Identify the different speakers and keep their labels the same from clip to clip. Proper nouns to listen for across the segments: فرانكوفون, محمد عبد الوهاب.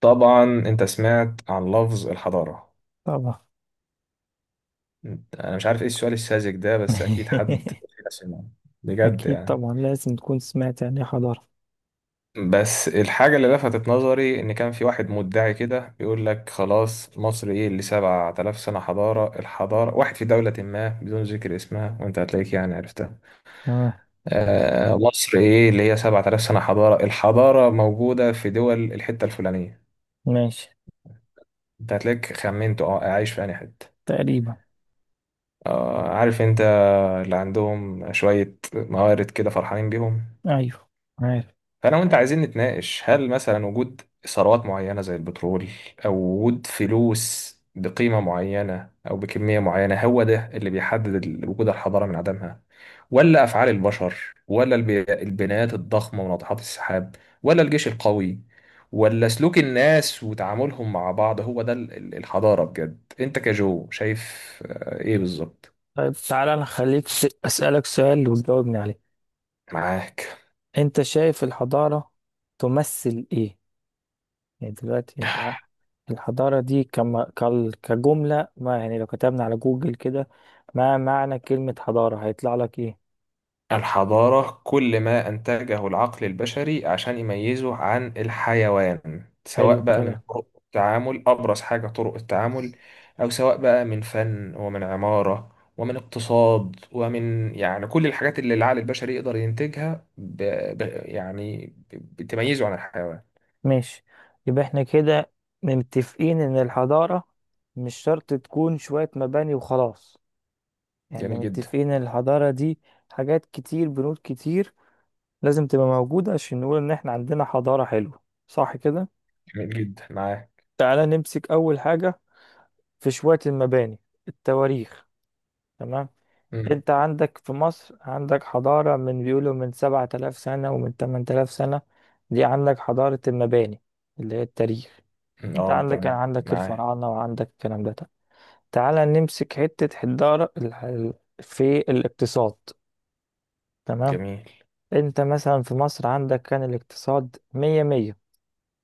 Speaker 1: طبعا انت سمعت عن لفظ الحضارة.
Speaker 2: طبعا.
Speaker 1: انا مش عارف ايه السؤال الساذج ده، بس اكيد حد فينا سمعه بجد
Speaker 2: أكيد
Speaker 1: يعني.
Speaker 2: طبعا، لازم تكون سمعت يعني إيه حضارة.
Speaker 1: بس الحاجة اللي لفتت نظري ان كان في واحد مدعي كده بيقول لك خلاص، مصر ايه اللي 7000 سنة حضارة، الحضارة واحد في دولة ما بدون ذكر اسمها، وانت هتلاقيك يعني عرفتها.
Speaker 2: تمام.
Speaker 1: آه، مصر ايه اللي هي 7000 سنة حضارة، الحضارة موجودة في دول الحتة الفلانية.
Speaker 2: ماشي.
Speaker 1: انت هتلاقيك خمنت، اه عايش في انهي حتة.
Speaker 2: تقريبا.
Speaker 1: آه، عارف انت. اللي عندهم شوية موارد كده فرحانين بيهم.
Speaker 2: أيوه، عارف.
Speaker 1: فأنا وأنت عايزين نتناقش، هل مثلا وجود ثروات معينة زي البترول، أو وجود فلوس بقيمة معينة أو بكمية معينة، هو ده اللي بيحدد وجود الحضارة من عدمها؟ ولا أفعال البشر، ولا البنايات الضخمة وناطحات السحاب، ولا الجيش القوي، ولا سلوك الناس وتعاملهم مع بعض؟ هو ده الحضارة بجد أنت كجو شايف. آه، إيه بالظبط.
Speaker 2: طيب، تعالى أنا خليك أسألك سؤال وتجاوبني عليه.
Speaker 1: معاك.
Speaker 2: أنت شايف الحضارة تمثل إيه؟ يعني دلوقتي، الحضارة دي كما كجملة ما، يعني لو كتبنا على جوجل كده ما معنى كلمة حضارة هيطلع لك إيه؟
Speaker 1: الحضارة كل ما أنتجه العقل البشري عشان يميزه عن الحيوان،
Speaker 2: حلو
Speaker 1: سواء بقى من
Speaker 2: الكلام.
Speaker 1: طرق التعامل، أبرز حاجة طرق التعامل، أو سواء بقى من فن ومن عمارة ومن اقتصاد، ومن يعني كل الحاجات اللي العقل البشري يقدر ينتجها، بتميزه عن الحيوان.
Speaker 2: ماشي. يبقى احنا كده متفقين ان الحضارة مش شرط تكون شوية مباني وخلاص. يعني
Speaker 1: جميل جدا.
Speaker 2: متفقين ان الحضارة دي حاجات كتير، بنود كتير، لازم تبقى موجودة عشان نقول ان احنا عندنا حضارة حلوة، صح كده؟
Speaker 1: جميل جدا معاه.
Speaker 2: تعالى نمسك اول حاجة، في شوية المباني، التواريخ. تمام.
Speaker 1: مم.
Speaker 2: انت عندك في مصر عندك حضارة من بيقولوا من 7,000 سنة ومن 8,000 سنة. دي عندك حضارة المباني اللي هي التاريخ.
Speaker 1: مم.
Speaker 2: انت
Speaker 1: اه،
Speaker 2: عندك كان
Speaker 1: تمام
Speaker 2: عندك
Speaker 1: معاه.
Speaker 2: الفراعنة وعندك الكلام ده. طب، تعالى نمسك حتة حدارة في الاقتصاد. تمام.
Speaker 1: جميل.
Speaker 2: انت مثلا في مصر عندك كان الاقتصاد مية مية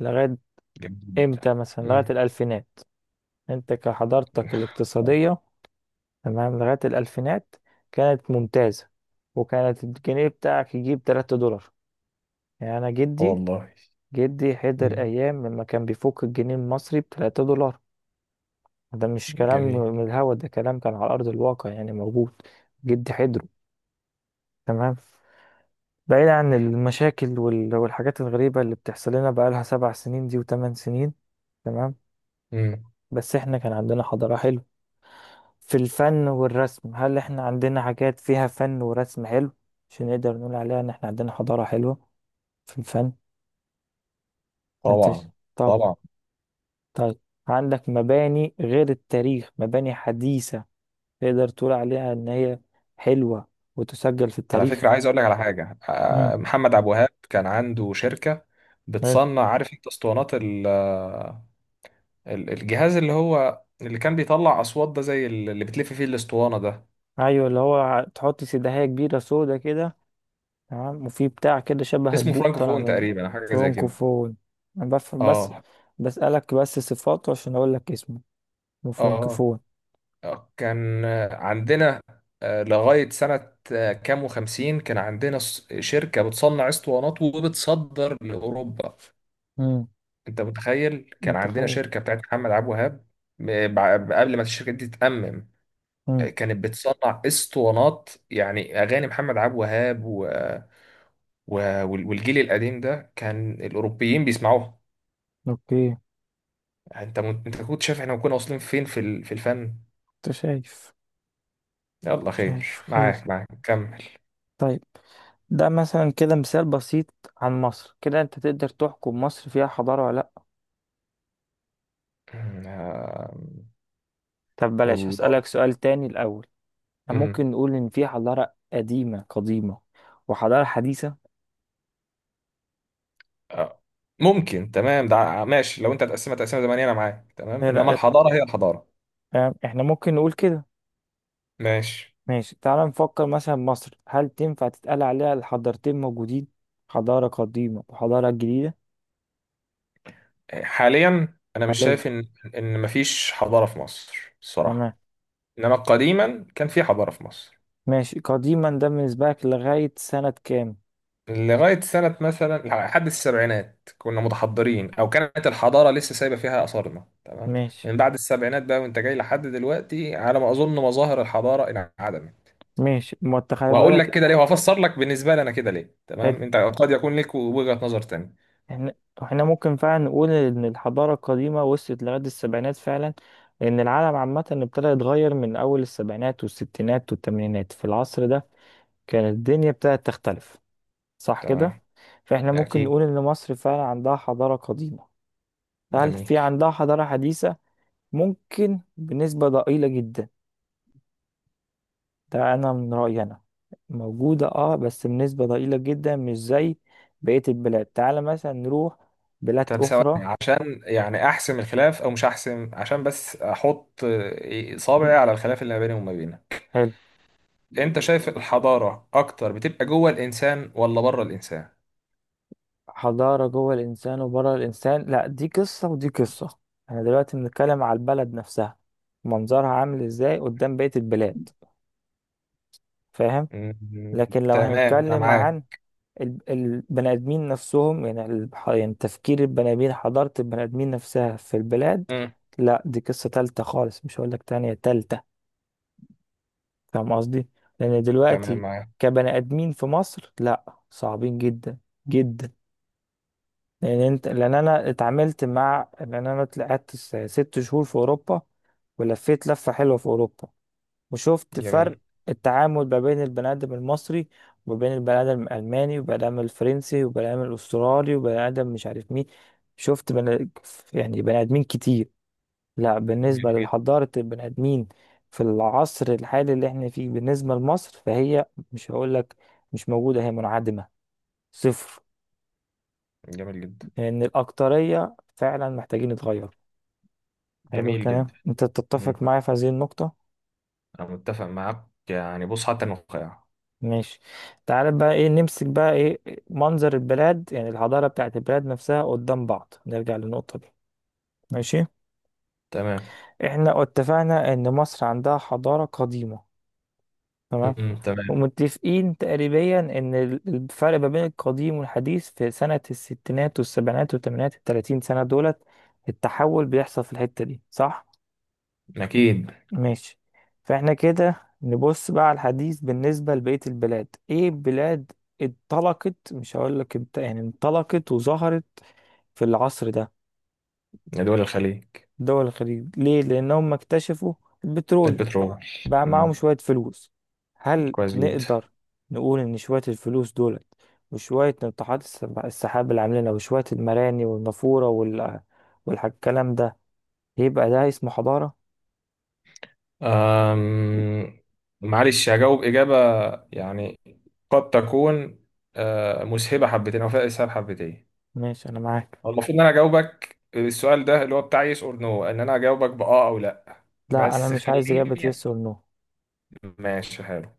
Speaker 2: لغاية
Speaker 1: جميل جدا.
Speaker 2: امتى؟ مثلا لغاية
Speaker 1: مم.
Speaker 2: الألفينات. انت كحضارتك الاقتصادية، تمام، لغاية الألفينات كانت ممتازة، وكانت الجنيه بتاعك يجيب 3 دولار. يعني أنا، جدي
Speaker 1: والله.
Speaker 2: جدي حضر
Speaker 1: مم.
Speaker 2: أيام لما كان بيفك الجنيه المصري بـ3 دولار. ده مش كلام
Speaker 1: جميل.
Speaker 2: من الهوا، ده كلام كان على أرض الواقع يعني موجود. جدي حضره. تمام. بعيد عن المشاكل والحاجات الغريبة اللي بتحصل لنا بقالها 7 سنين دي وثمان سنين. تمام.
Speaker 1: مم.
Speaker 2: بس احنا كان عندنا حضارة حلوة. في الفن والرسم، هل احنا عندنا حاجات فيها فن ورسم حلو عشان نقدر نقول عليها ان احنا عندنا حضارة حلوة في الفن؟ انت ش-
Speaker 1: طبعا.
Speaker 2: طب
Speaker 1: طبعا.
Speaker 2: طيب عندك مباني غير التاريخ، مباني حديثة تقدر تقول عليها ان هي حلوة وتسجل في
Speaker 1: على فكرة
Speaker 2: التاريخ؟
Speaker 1: عايز اقول لك على حاجة،
Speaker 2: امم.
Speaker 1: محمد عبد الوهاب كان عنده شركة
Speaker 2: حلو.
Speaker 1: بتصنع، عارف انت، اسطوانات الجهاز اللي هو اللي كان بيطلع اصوات ده، زي اللي بتلف فيه الاسطوانة ده.
Speaker 2: ايوه، اللي هو تحط سداهية كبيرة سودا كده، تمام، وفي بتاع كده شبه
Speaker 1: اسمه
Speaker 2: البوق طالع
Speaker 1: فرانكوفون
Speaker 2: منه.
Speaker 1: تقريبا، أو حاجة زي كده.
Speaker 2: فرونكوفون. انا بفهم بس،
Speaker 1: اه.
Speaker 2: بسألك بس صفاته عشان اقول لك اسمه
Speaker 1: اه.
Speaker 2: فرونكوفون.
Speaker 1: آه، كان آه، عندنا، لغاية سنة كام وخمسين، كان عندنا شركة بتصنع اسطوانات وبتصدر لأوروبا.
Speaker 2: امم.
Speaker 1: انت متخيل كان عندنا
Speaker 2: متخيل.
Speaker 1: شركه بتاعت محمد عبد الوهاب؟ قبل ما الشركه دي تتأمم
Speaker 2: امم.
Speaker 1: كانت بتصنع اسطوانات، يعني اغاني محمد عبد الوهاب و... والجيل القديم ده، كان الاوروبيين بيسمعوها.
Speaker 2: اوكي.
Speaker 1: يعني انت كنت شايف احنا كنا واصلين فين في في الفن.
Speaker 2: انت شايف
Speaker 1: يلا
Speaker 2: شايف
Speaker 1: خير
Speaker 2: خير.
Speaker 1: معاك، كمل.
Speaker 2: طيب، ده مثلا كده مثال بسيط عن مصر، كده انت تقدر تحكم مصر فيها حضارة ولا لا؟
Speaker 1: آم.
Speaker 2: طب بلاش،
Speaker 1: والله.
Speaker 2: هسألك سؤال تاني الاول.
Speaker 1: امم.
Speaker 2: ممكن نقول ان في حضارة قديمة قديمة وحضارة حديثة؟
Speaker 1: آه، ممكن، تمام ده، ماشي. لو انت هتقسمها تقسمها زمنية انا معاك تمام،
Speaker 2: ايه
Speaker 1: انما
Speaker 2: رأيك؟
Speaker 1: الحضاره هي الحضاره.
Speaker 2: فاهم، احنا ممكن نقول كده.
Speaker 1: ماشي.
Speaker 2: ماشي، تعال نفكر مثلا مصر هل تنفع تتقال عليها الحضارتين موجودين، حضارة قديمة وحضارة جديدة؟
Speaker 1: حاليا انا مش
Speaker 2: حاليا،
Speaker 1: شايف ان مفيش حضاره في مصر
Speaker 2: تمام.
Speaker 1: الصراحه، انما قديما كان في حضاره في مصر.
Speaker 2: ماشي قديما، ده بالنسبة لك لغاية سنة كام؟
Speaker 1: لغايه سنه مثلا لحد السبعينات كنا متحضرين، او كانت الحضاره لسه سايبه فيها اثارنا تمام.
Speaker 2: ماشي.
Speaker 1: من بعد السبعينات بقى، وانت جاي لحد دلوقتي، على ما اظن مظاهر الحضاره انعدمت.
Speaker 2: ماشي. ما تخلي
Speaker 1: وهقول لك
Speaker 2: بالك.
Speaker 1: كده ليه، وهفسر لك بالنسبه لي انا كده ليه،
Speaker 2: حلو.
Speaker 1: تمام. انت قد يكون لك وجهه نظر تانية.
Speaker 2: احنا احنا ممكن فعلا نقول ان الحضارة القديمة وصلت لغاية السبعينات فعلا. لان العالم عامة ابتدى يتغير من اول السبعينات والستينات والثمانينات. في العصر ده كانت الدنيا ابتدت تختلف، صح كده؟
Speaker 1: تمام.
Speaker 2: فاحنا ممكن
Speaker 1: اكيد.
Speaker 2: نقول ان مصر فعلا عندها حضارة قديمة. هل
Speaker 1: جميل.
Speaker 2: في عندها حضارة حديثة؟ ممكن بنسبة ضئيلة جدا، ده انا من رأيي انا. موجودة، اه، بس بنسبة ضئيلة جدا، مش زي بقية البلاد. تعالى مثلا نروح بلاد
Speaker 1: طب ثواني،
Speaker 2: اخرى.
Speaker 1: عشان يعني احسم الخلاف، او مش احسم، عشان بس احط صابعي
Speaker 2: م-
Speaker 1: على الخلاف اللي ما بيني وما بينك.
Speaker 2: حلو.
Speaker 1: انت شايف الحضارة اكتر بتبقى جوه الانسان ولا بره الانسان؟
Speaker 2: حضارة جوه الانسان وبره الانسان، لا، دي قصة ودي قصة. انا دلوقتي بنتكلم على البلد نفسها، منظرها عامل ازاي قدام بقية البلاد، فاهم؟
Speaker 1: مم،
Speaker 2: لكن لو
Speaker 1: تمام انا
Speaker 2: هنتكلم
Speaker 1: معاك.
Speaker 2: عن البني آدمين نفسهم، يعني يعني تفكير البني آدمين، حضارة البني آدمين نفسها في البلاد،
Speaker 1: مم،
Speaker 2: لا، دي قصة تالتة خالص، مش هقول لك تانية، تالتة. فاهم قصدي؟ لأن
Speaker 1: تمام
Speaker 2: دلوقتي
Speaker 1: معاك.
Speaker 2: كبني آدمين في مصر لا، صعبين جدا، جدا. لأن أنا طلعت 6 شهور في أوروبا، ولفيت لفة حلوة في أوروبا، وشفت
Speaker 1: جميل.
Speaker 2: فرق التعامل ما بين البني آدم المصري وما بين البني آدم الألماني والبني آدم الفرنسي والبني آدم الأسترالي والبني آدم مش عارف مين. شفت بني يعني بني آدمين كتير. لا،
Speaker 1: جميل
Speaker 2: بالنسبة
Speaker 1: جدا.
Speaker 2: لحضارة البني آدمين في العصر الحالي اللي احنا فيه بالنسبة لمصر، فهي، مش هقول لك مش موجودة، هي منعدمة، صفر.
Speaker 1: جميل جدا.
Speaker 2: لأن الأكترية فعلا محتاجين يتغيروا. حلو
Speaker 1: جميل
Speaker 2: الكلام.
Speaker 1: جدا.
Speaker 2: أنت
Speaker 1: مم،
Speaker 2: تتفق معايا في هذه النقطة.
Speaker 1: انا متفق معاك، يعني بص حتى النخاع.
Speaker 2: ماشي، تعال بقى ايه نمسك بقى ايه. منظر البلاد، يعني الحضارة بتاعت البلاد نفسها قدام بعض، نرجع للنقطة دي. ماشي.
Speaker 1: تمام.
Speaker 2: احنا اتفقنا ان مصر عندها حضارة قديمة، تمام.
Speaker 1: مم، تمام.
Speaker 2: ومتفقين تقريبا ان الفرق ما بين القديم والحديث في سنة الستينات والسبعينات والثمانينات، التلاتين سنة دولت التحول بيحصل في الحتة دي، صح؟
Speaker 1: اكيد.
Speaker 2: ماشي. فاحنا كده نبص بقى على الحديث بالنسبة لبقية البلاد، ايه بلاد انطلقت؟ مش هقول لك انت، يعني انطلقت وظهرت في العصر ده.
Speaker 1: يا دول الخليج.
Speaker 2: دول الخليج، ليه؟ لان هم اكتشفوا البترول،
Speaker 1: البترول.
Speaker 2: بقى معاهم
Speaker 1: مم،
Speaker 2: شوية فلوس. هل
Speaker 1: كويس جدا.
Speaker 2: نقدر نقول ان شوية الفلوس دولت، وشوية ناطحات السحاب اللي عاملينها، وشوية المراني والنافورة والكلام ده، يبقى ده اسمه حضارة؟
Speaker 1: أم. معلش هجاوب إجابة يعني، قد تكون مسهبة حبتين أو فيها إسهاب حبتين.
Speaker 2: ماشي، انا معاك.
Speaker 1: هو المفروض إن أنا أجاوبك السؤال ده، اللي هو بتاع يس أور نو، إن أنا أجاوبك بأه أو لأ.
Speaker 2: لا، انا
Speaker 1: بس
Speaker 2: مش عايز اجابة
Speaker 1: خليني.
Speaker 2: يس ولا نو.
Speaker 1: ماشي، حلو.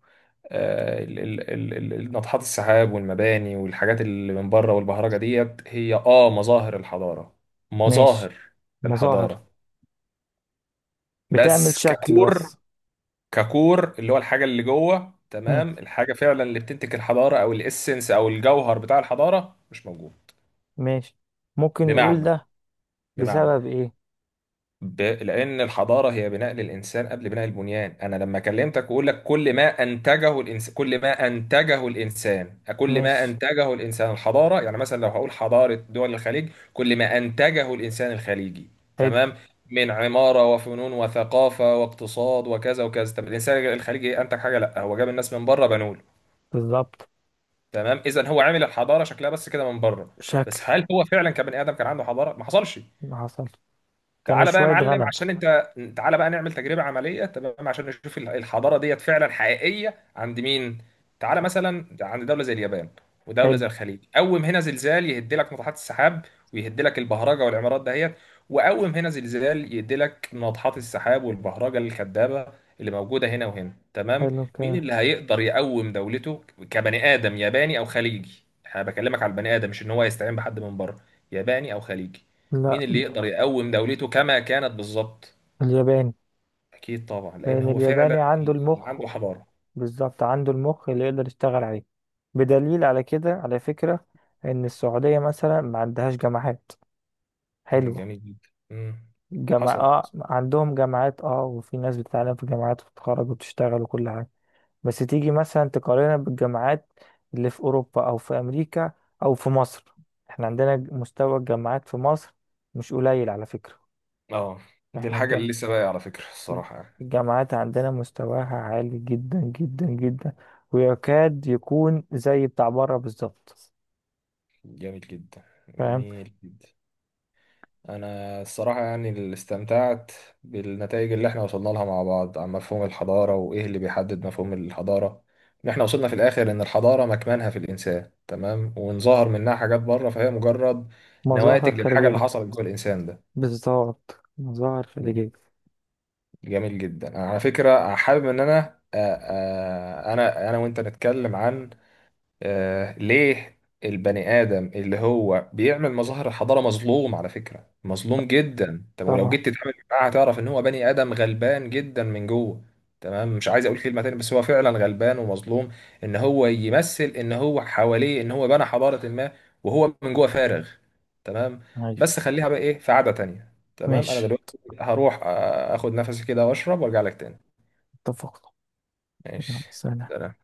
Speaker 1: ناطحات السحاب والمباني والحاجات اللي من بره والبهرجة ديت، هي مظاهر الحضارة. مظاهر
Speaker 2: ماشي. مظاهر،
Speaker 1: الحضارة
Speaker 2: بتعمل
Speaker 1: بس،
Speaker 2: شكل
Speaker 1: ككور.
Speaker 2: بس.
Speaker 1: ككور اللي هو الحاجة اللي جوه،
Speaker 2: مم.
Speaker 1: تمام، الحاجة فعلا اللي بتنتج الحضارة، أو الإسنس أو الجوهر بتاع الحضارة، مش موجود.
Speaker 2: ماشي، ممكن نقول
Speaker 1: بمعنى.
Speaker 2: ده
Speaker 1: بمعنى
Speaker 2: بسبب ايه؟
Speaker 1: لأن الحضارة هي بناء للإنسان قبل بناء البنيان. أنا لما كلمتك وأقول لك كل ما أنتجه كل ما
Speaker 2: ماشي.
Speaker 1: أنتجه الإنسان الحضارة، يعني مثلا لو هقول حضارة دول الخليج، كل ما أنتجه الإنسان الخليجي.
Speaker 2: حلو.
Speaker 1: تمام. من عمارة وفنون وثقافة واقتصاد وكذا وكذا، طب الإنسان الخليجي إيه أنتج؟ حاجة لا، هو جاب الناس من بره بنوا له.
Speaker 2: بالظبط،
Speaker 1: تمام، اذا هو عامل الحضاره شكلها بس كده من بره.
Speaker 2: شكل.
Speaker 1: بس هل هو فعلا كبني ادم كان عنده حضاره؟ ما حصلش.
Speaker 2: اللي حصل، كانوا
Speaker 1: تعالى بقى يا
Speaker 2: شوية
Speaker 1: معلم،
Speaker 2: غنم.
Speaker 1: عشان انت تعالى بقى نعمل تجربة عملية، تمام، عشان نشوف الحضارة ديت فعلا حقيقية عند مين. تعالى مثلا عند دولة زي اليابان، ودولة
Speaker 2: حلو.
Speaker 1: زي الخليج. قوم هنا زلزال يهد لك ناطحات السحاب، ويهد لك البهرجة والعمارات دهيت، وقوم هنا زلزال يهد لك ناطحات السحاب والبهرجة الكدابة اللي موجودة هنا وهنا، تمام.
Speaker 2: حلو
Speaker 1: مين
Speaker 2: كده.
Speaker 1: اللي هيقدر يقوم دولته كبني آدم ياباني أو خليجي؟ انا بكلمك على البني آدم، مش ان هو يستعين بحد من بره. ياباني أو خليجي، مين
Speaker 2: لا،
Speaker 1: اللي يقدر يقوم دولته كما كانت بالظبط؟
Speaker 2: الياباني.
Speaker 1: اكيد طبعا، لان
Speaker 2: لأن
Speaker 1: هو فعلا
Speaker 2: الياباني عنده
Speaker 1: اللي
Speaker 2: المخ.
Speaker 1: عنده حضاره.
Speaker 2: بالظبط، عنده المخ اللي يقدر يشتغل عليه. بدليل على كده، على فكرة، إن السعودية مثلا ما عندهاش جامعات
Speaker 1: مم،
Speaker 2: حلوة.
Speaker 1: جميل جدا. مم،
Speaker 2: جامعة
Speaker 1: حصل
Speaker 2: آه
Speaker 1: حصل.
Speaker 2: عندهم جامعات، وفي ناس بتتعلم في جامعات وتتخرج وتشتغل وكل حاجة. بس تيجي مثلا تقارنها بالجامعات اللي في أوروبا أو في أمريكا أو في مصر، احنا عندنا، مستوى الجامعات في مصر مش قليل على فكرة.
Speaker 1: اه، دي
Speaker 2: احنا
Speaker 1: الحاجه اللي لسه باقيه على فكره الصراحه يعني.
Speaker 2: الجامعات عندنا مستواها عالي جدا جدا جدا، ويكاد يكون زي بتاع بره بالظبط،
Speaker 1: جميل جدا.
Speaker 2: فاهم؟
Speaker 1: جميل جدا. انا الصراحه يعني اللي استمتعت بالنتائج اللي احنا وصلنا لها مع بعض عن مفهوم الحضاره، وايه اللي بيحدد مفهوم الحضاره، ان احنا وصلنا في الاخر ان الحضاره مكمنها في الانسان، تمام، وان ظهر منها حاجات بره فهي مجرد
Speaker 2: مظاهر
Speaker 1: نواتج للحاجه اللي
Speaker 2: خارجية.
Speaker 1: حصلت جوه الانسان
Speaker 2: بالظبط، مظاهر
Speaker 1: ده.
Speaker 2: خارجية.
Speaker 1: جميل جدا. انا على فكره حابب ان انا وانت نتكلم عن ليه البني آدم اللي هو بيعمل مظاهر حضارة مظلوم. على فكرة مظلوم جدا، طب ولو
Speaker 2: طبعا.
Speaker 1: جيت تتعامل معاه هتعرف إن هو بني آدم غلبان جدا من جوه. تمام، مش عايز أقول كلمة تاني، بس هو فعلا غلبان ومظلوم. إن هو يمثل إن هو حواليه إن هو بنى حضارة ما، وهو من جوه فارغ. تمام.
Speaker 2: أيوه.
Speaker 1: بس خليها بقى إيه في قعدة تانية، تمام، أنا
Speaker 2: ماشي،
Speaker 1: دلوقتي هروح آخد نفسي كده وأشرب وأرجع لك تاني.
Speaker 2: اتفقنا. يلا،
Speaker 1: ماشي.
Speaker 2: سلام.
Speaker 1: سلام.